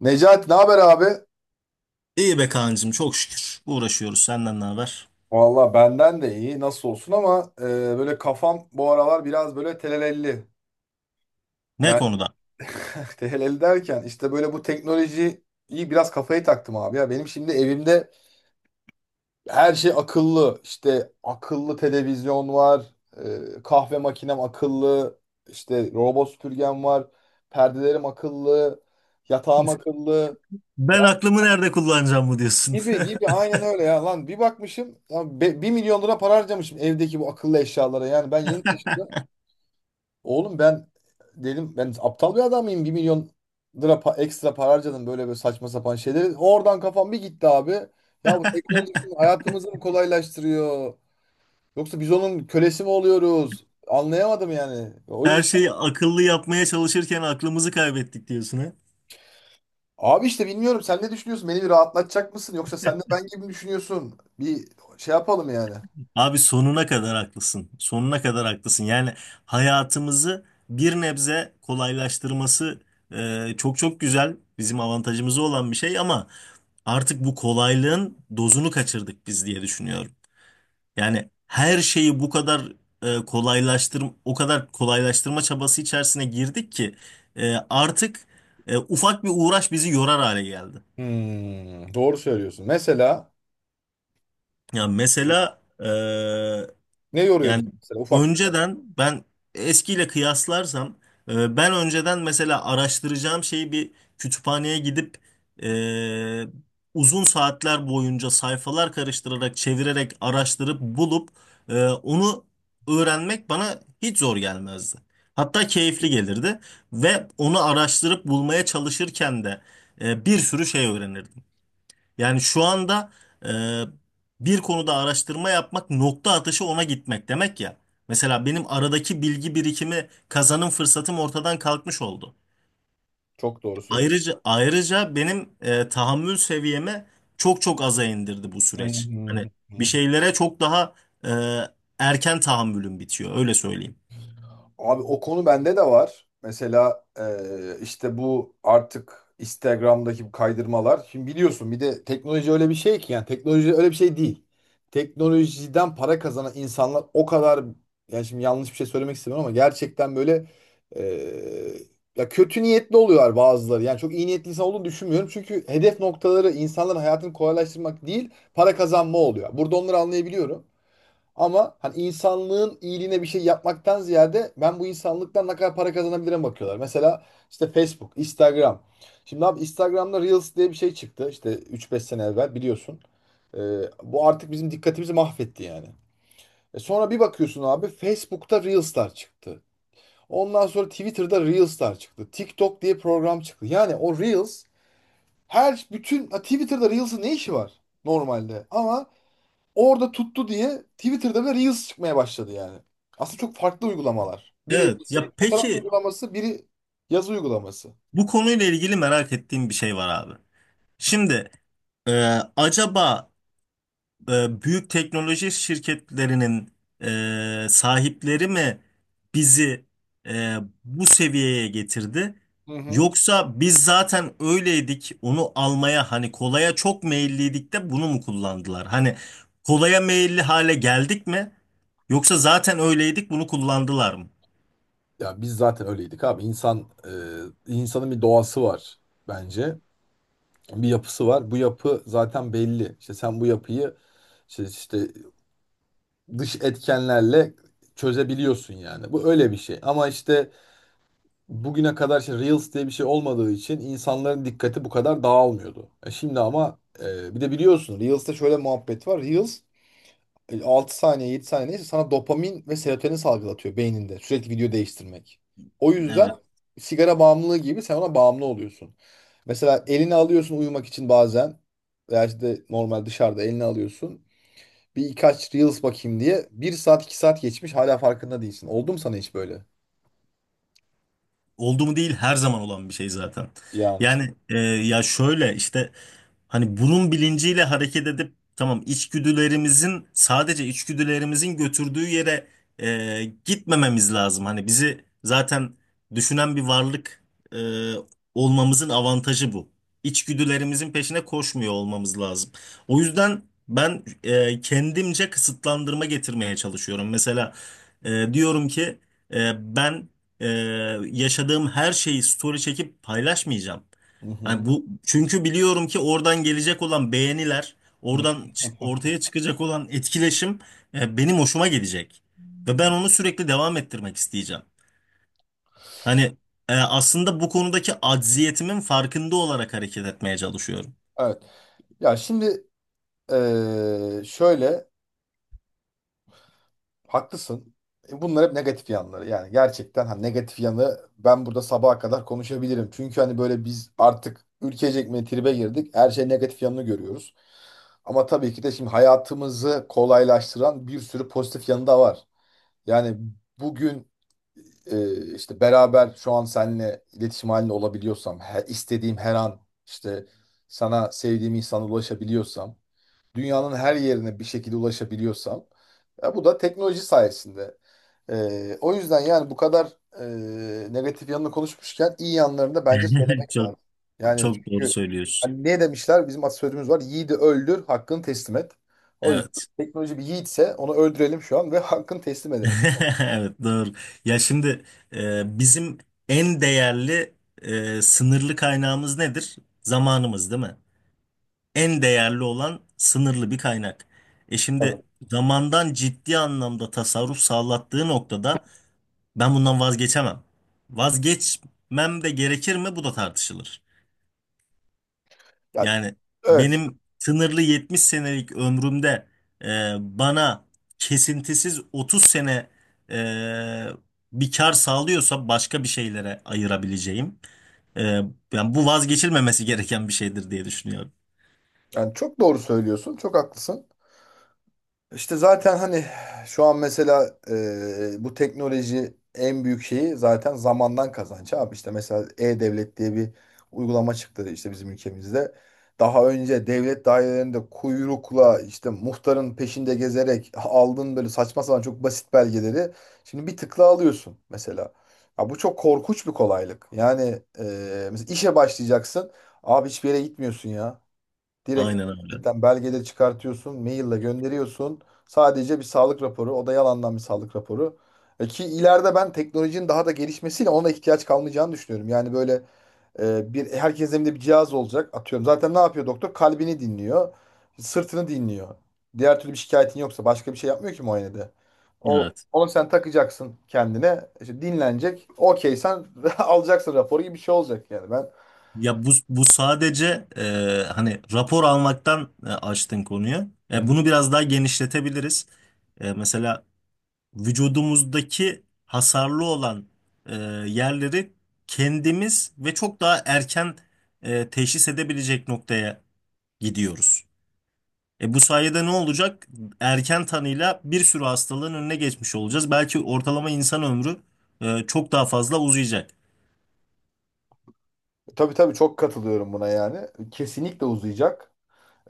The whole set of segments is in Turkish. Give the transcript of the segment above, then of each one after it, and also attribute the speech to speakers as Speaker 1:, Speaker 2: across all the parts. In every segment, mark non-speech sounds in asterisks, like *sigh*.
Speaker 1: Necati ne haber abi?
Speaker 2: İyi be kancım çok şükür. Uğraşıyoruz, senden ne haber?
Speaker 1: Valla benden de iyi nasıl olsun ama böyle kafam bu aralar biraz böyle telelelli.
Speaker 2: Ne
Speaker 1: Yani
Speaker 2: konuda?
Speaker 1: *laughs* telelelli derken işte böyle bu teknolojiyi biraz kafayı taktım abi ya. Benim şimdi evimde her şey akıllı. İşte akıllı televizyon var, kahve makinem akıllı, işte robot süpürgem var, perdelerim akıllı, yatağım
Speaker 2: *laughs*
Speaker 1: akıllı.
Speaker 2: Ben aklımı nerede kullanacağım mı diyorsun?
Speaker 1: Gibi gibi aynen öyle ya lan bir bakmışım ya 1 milyon lira para harcamışım evdeki bu akıllı eşyalara yani ben yeni taşındım. Oğlum ben dedim ben aptal bir adam mıyım 1 milyon lira ekstra para harcadım böyle böyle saçma sapan şeyleri. Oradan kafam bir gitti abi. Ya bu teknoloji bizim hayatımızı mı kolaylaştırıyor yoksa biz onun kölesi mi oluyoruz? Anlayamadım yani.
Speaker 2: *laughs*
Speaker 1: O
Speaker 2: Her
Speaker 1: yüzden
Speaker 2: şeyi akıllı yapmaya çalışırken aklımızı kaybettik diyorsun, ha?
Speaker 1: abi işte bilmiyorum sen ne düşünüyorsun, beni bir rahatlatacak mısın yoksa sen de ben gibi mi düşünüyorsun? Bir şey yapalım yani.
Speaker 2: Abi sonuna kadar haklısın. Sonuna kadar haklısın. Yani hayatımızı bir nebze kolaylaştırması çok çok güzel. Bizim avantajımıza olan bir şey ama artık bu kolaylığın dozunu kaçırdık biz diye düşünüyorum. Yani her şeyi bu kadar kolaylaştır, o kadar kolaylaştırma çabası içerisine girdik ki artık ufak bir uğraş bizi yorar hale geldi.
Speaker 1: Hmm, doğru söylüyorsun. Mesela
Speaker 2: Ya mesela e,
Speaker 1: ne yoruyor bizi
Speaker 2: Yani
Speaker 1: mesela ufak bir olay?
Speaker 2: önceden ben eskiyle kıyaslarsam ben önceden mesela araştıracağım şeyi bir kütüphaneye gidip e, uzun saatler boyunca sayfalar karıştırarak, çevirerek, araştırıp bulup onu öğrenmek bana hiç zor gelmezdi. Hatta keyifli gelirdi ve onu araştırıp bulmaya çalışırken de bir sürü şey öğrenirdim. Yani şu anda e, bir konuda araştırma yapmak nokta atışı ona gitmek demek ya. Mesela benim aradaki bilgi birikimi kazanım fırsatım ortadan kalkmış oldu.
Speaker 1: Çok doğru söylüyorsun.
Speaker 2: Ayrıca benim tahammül seviyemi çok çok aza indirdi bu
Speaker 1: Hı
Speaker 2: süreç.
Speaker 1: hı
Speaker 2: Hani bir
Speaker 1: hı.
Speaker 2: şeylere çok daha e, erken tahammülüm bitiyor, öyle söyleyeyim.
Speaker 1: Abi o konu bende de var. Mesela işte bu artık Instagram'daki bu kaydırmalar. Şimdi biliyorsun bir de teknoloji öyle bir şey ki, yani teknoloji öyle bir şey değil. Teknolojiden para kazanan insanlar o kadar, yani şimdi yanlış bir şey söylemek istemiyorum ama gerçekten böyle eee, ya kötü niyetli oluyorlar bazıları. Yani çok iyi niyetli insan olduğunu düşünmüyorum. Çünkü hedef noktaları insanların hayatını kolaylaştırmak değil, para kazanma oluyor. Burada onları anlayabiliyorum. Ama hani insanlığın iyiliğine bir şey yapmaktan ziyade ben bu insanlıktan ne kadar para kazanabilirim bakıyorlar. Mesela işte Facebook, Instagram. Şimdi abi Instagram'da Reels diye bir şey çıktı, işte üç beş sene evvel biliyorsun. Ee, Bu artık bizim dikkatimizi mahvetti yani. E sonra bir bakıyorsun abi Facebook'ta Reels'lar çıktı. Ondan sonra Twitter'da Reels'lar çıktı. TikTok diye program çıktı. Yani o Reels her bütün ha, Twitter'da Reels'ın ne işi var normalde? Ama orada tuttu diye Twitter'da bile Reels çıkmaya başladı yani. Aslında çok farklı uygulamalar. Biri
Speaker 2: Evet ya,
Speaker 1: fotoğraf
Speaker 2: peki
Speaker 1: uygulaması, biri yazı uygulaması.
Speaker 2: bu konuyla ilgili merak ettiğim bir şey var abi. Şimdi acaba büyük teknoloji şirketlerinin sahipleri mi bizi e, bu seviyeye getirdi?
Speaker 1: Hı hı.
Speaker 2: Yoksa biz zaten öyleydik, onu almaya, hani kolaya çok meyilliydik de bunu mu kullandılar? Hani kolaya meyilli hale geldik mi? Yoksa zaten öyleydik, bunu kullandılar mı?
Speaker 1: Ya biz zaten öyleydik abi. İnsanın bir doğası var bence. Bir yapısı var. Bu yapı zaten belli. İşte sen bu yapıyı işte dış etkenlerle çözebiliyorsun yani. Bu öyle bir şey. Ama işte bugüne kadar işte Reels diye bir şey olmadığı için insanların dikkati bu kadar dağılmıyordu. Şimdi ama bir de biliyorsun Reels'te şöyle muhabbet var. Reels 6 saniye 7 saniye neyse sana dopamin ve serotonin salgılatıyor beyninde sürekli video değiştirmek. O yüzden
Speaker 2: Evet.
Speaker 1: sigara bağımlılığı gibi sen ona bağımlı oluyorsun. Mesela elini alıyorsun uyumak için bazen veya işte normal dışarıda elini alıyorsun. Bir birkaç Reels bakayım diye bir saat 2 saat geçmiş hala farkında değilsin. Oldu mu sana hiç böyle?
Speaker 2: Oldu mu değil, her zaman olan bir şey zaten.
Speaker 1: Yani işte.
Speaker 2: Yani ya şöyle işte, hani bunun bilinciyle hareket edip tamam, içgüdülerimizin, sadece içgüdülerimizin götürdüğü yere gitmememiz lazım. Hani bizi zaten düşünen bir varlık e, olmamızın avantajı bu. İçgüdülerimizin peşine koşmuyor olmamız lazım. O yüzden ben kendimce kısıtlandırma getirmeye çalışıyorum. Mesela diyorum ki ben e, yaşadığım her şeyi story çekip paylaşmayacağım.
Speaker 1: Hı hı.
Speaker 2: Yani bu, çünkü biliyorum ki oradan gelecek olan beğeniler,
Speaker 1: Hı. *laughs*
Speaker 2: ortaya çıkacak olan etkileşim benim hoşuma gidecek ve ben onu sürekli devam ettirmek isteyeceğim. Hani aslında bu konudaki acziyetimin farkında olarak hareket etmeye çalışıyorum.
Speaker 1: Evet. Ya şimdi şöyle haklısın. Bunlar hep negatif yanları. Yani gerçekten ha negatif yanı, ben burada sabaha kadar konuşabilirim. Çünkü hani böyle biz artık ülkecek mi tribe girdik. Her şey negatif yanını görüyoruz. Ama tabii ki de şimdi hayatımızı kolaylaştıran bir sürü pozitif yanı da var. Yani bugün işte beraber şu an seninle iletişim halinde olabiliyorsam, her, istediğim her an işte sana, sevdiğim insana ulaşabiliyorsam, dünyanın her yerine bir şekilde ulaşabiliyorsam, ya bu da teknoloji sayesinde. O yüzden yani bu kadar negatif yanını konuşmuşken iyi yanlarını da bence
Speaker 2: *laughs*
Speaker 1: söylemek
Speaker 2: Çok
Speaker 1: lazım. Yani
Speaker 2: çok doğru
Speaker 1: çünkü
Speaker 2: söylüyorsun.
Speaker 1: hani ne demişler, bizim atasözümüz var: yiğidi öldür hakkını teslim et. O yüzden
Speaker 2: Evet.
Speaker 1: teknoloji bir yiğitse onu öldürelim şu an ve *laughs* hakkını teslim
Speaker 2: *laughs*
Speaker 1: edelim.
Speaker 2: Evet, doğru. Ya şimdi bizim en değerli sınırlı kaynağımız nedir? Zamanımız değil mi? En değerli olan sınırlı bir kaynak. Şimdi
Speaker 1: Tabii.
Speaker 2: zamandan ciddi anlamda tasarruf sağlattığı noktada ben bundan vazgeçemem. Vazgeçmem de gerekir mi? Bu da tartışılır.
Speaker 1: Yani,
Speaker 2: Yani
Speaker 1: evet,
Speaker 2: benim sınırlı 70 senelik ömrümde bana kesintisiz 30 sene e, bir kar sağlıyorsa başka bir şeylere ayırabileceğim. E, Yani bu vazgeçilmemesi gereken bir şeydir diye düşünüyorum.
Speaker 1: yani çok doğru söylüyorsun, çok haklısın. İşte zaten hani şu an mesela bu teknoloji en büyük şeyi zaten zamandan kazanç abi. İşte mesela E-Devlet diye bir uygulama çıktı işte bizim ülkemizde. Daha önce devlet dairelerinde kuyrukla işte muhtarın peşinde gezerek aldığın böyle saçma sapan çok basit belgeleri şimdi bir tıkla alıyorsun mesela. Ya bu çok korkunç bir kolaylık. Yani mesela işe başlayacaksın. Abi hiçbir yere gitmiyorsun ya. Direkt
Speaker 2: Aynen öyle.
Speaker 1: internetten belgede çıkartıyorsun, maille gönderiyorsun. Sadece bir sağlık raporu, o da yalandan bir sağlık raporu. E ki ileride ben teknolojinin daha da gelişmesiyle ona ihtiyaç kalmayacağını düşünüyorum. Yani böyle bir herkesin evinde bir cihaz olacak. Atıyorum zaten ne yapıyor doktor? Kalbini dinliyor, sırtını dinliyor. Diğer türlü bir şikayetin yoksa başka bir şey yapmıyor ki muayenede. O
Speaker 2: Evet.
Speaker 1: onu sen takacaksın kendine. İşte dinlenecek. Okey sen *laughs* alacaksın raporu gibi bir şey olacak yani ben.
Speaker 2: Ya bu sadece hani rapor almaktan açtın konuyu. Bunu biraz daha genişletebiliriz. Mesela vücudumuzdaki hasarlı olan e, yerleri kendimiz ve çok daha erken teşhis edebilecek noktaya gidiyoruz. Bu sayede ne olacak? Erken tanıyla bir sürü hastalığın önüne geçmiş olacağız. Belki ortalama insan ömrü çok daha fazla uzayacak.
Speaker 1: Tabii tabii, çok katılıyorum buna yani. Kesinlikle uzayacak.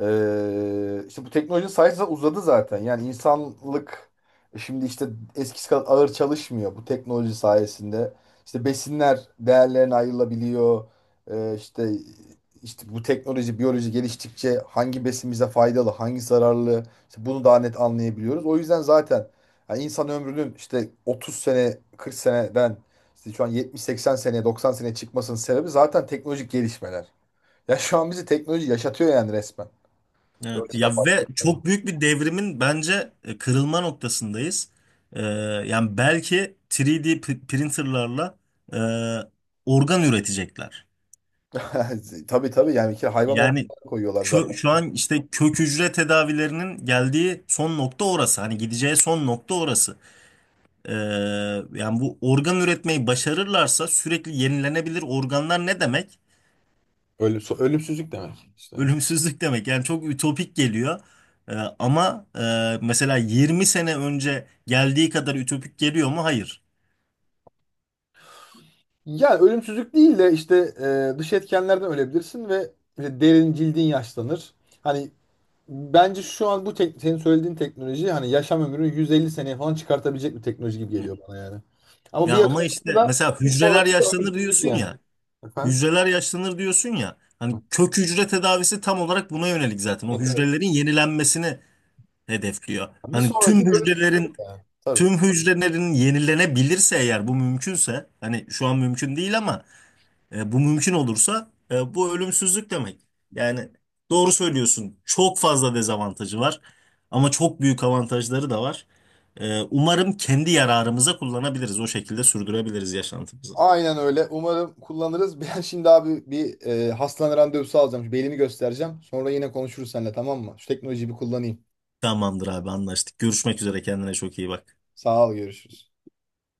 Speaker 1: İşte bu teknoloji sayesinde uzadı zaten. Yani insanlık şimdi işte eskisi kadar ağır çalışmıyor bu teknoloji sayesinde. İşte besinler değerlerine ayrılabiliyor. İşte işte bu teknoloji, biyoloji geliştikçe hangi besin bize faydalı, hangi zararlı, işte bunu daha net anlayabiliyoruz. O yüzden zaten yani insan ömrünün işte 30 sene, 40 seneden işte şu an 70-80 sene, 90 sene çıkmasının sebebi zaten teknolojik gelişmeler. Ya şu an bizi teknoloji yaşatıyor yani, resmen. O
Speaker 2: Evet
Speaker 1: yüzden
Speaker 2: ya, ve
Speaker 1: başlıyor, tamam.
Speaker 2: çok büyük bir devrimin bence kırılma noktasındayız. Ee, Yani belki 3D printerlarla e, organ üretecekler.
Speaker 1: *laughs* Tabii tabii yani ki hayvan organına
Speaker 2: Yani
Speaker 1: koyuyorlar zaten.
Speaker 2: şu an işte kök hücre tedavilerinin geldiği son nokta orası. Hani gideceği son nokta orası. Ee, Yani bu organ üretmeyi başarırlarsa, sürekli yenilenebilir organlar ne demek?
Speaker 1: Ölüm, ölümsüzlük demek işte.
Speaker 2: Ölümsüzlük demek, yani çok ütopik geliyor. Ee, Ama mesela 20 sene önce geldiği kadar ütopik geliyor mu? Hayır.
Speaker 1: Yani ölümsüzlük değil de işte dış etkenlerden ölebilirsin ve işte derin cildin yaşlanır. Hani bence şu an bu senin söylediğin teknoloji hani yaşam ömrünü 150 seneye falan çıkartabilecek bir teknoloji gibi geliyor bana yani. Ama bir
Speaker 2: Ya ama
Speaker 1: sonrası
Speaker 2: işte
Speaker 1: da
Speaker 2: mesela
Speaker 1: bir
Speaker 2: hücreler
Speaker 1: sonrası da
Speaker 2: yaşlanır
Speaker 1: ölümsüzlük
Speaker 2: diyorsun
Speaker 1: yani.
Speaker 2: ya.
Speaker 1: Efendim?
Speaker 2: Hücreler yaşlanır diyorsun ya. Hani kök hücre tedavisi tam olarak buna yönelik zaten. O
Speaker 1: Evet, evet.
Speaker 2: hücrelerin yenilenmesini hedefliyor.
Speaker 1: Bir
Speaker 2: Hani tüm
Speaker 1: sonraki de ölümsüzlük
Speaker 2: hücrelerin
Speaker 1: yani. Tabii.
Speaker 2: tüm hücrelerin yenilenebilirse, eğer bu mümkünse, hani şu an mümkün değil, ama bu mümkün olursa bu ölümsüzlük demek. Yani doğru söylüyorsun. Çok fazla dezavantajı var ama çok büyük avantajları da var. Umarım kendi yararımıza kullanabiliriz. O şekilde sürdürebiliriz yaşantımızı.
Speaker 1: Aynen öyle. Umarım kullanırız. *laughs* Ben şimdi abi bir hastane randevusu alacağım. Şu belimi göstereceğim. Sonra yine konuşuruz seninle, tamam mı? Şu teknolojiyi bir kullanayım.
Speaker 2: Tamamdır abi, anlaştık. Görüşmek üzere, kendine çok iyi bak.
Speaker 1: Sağ ol, görüşürüz.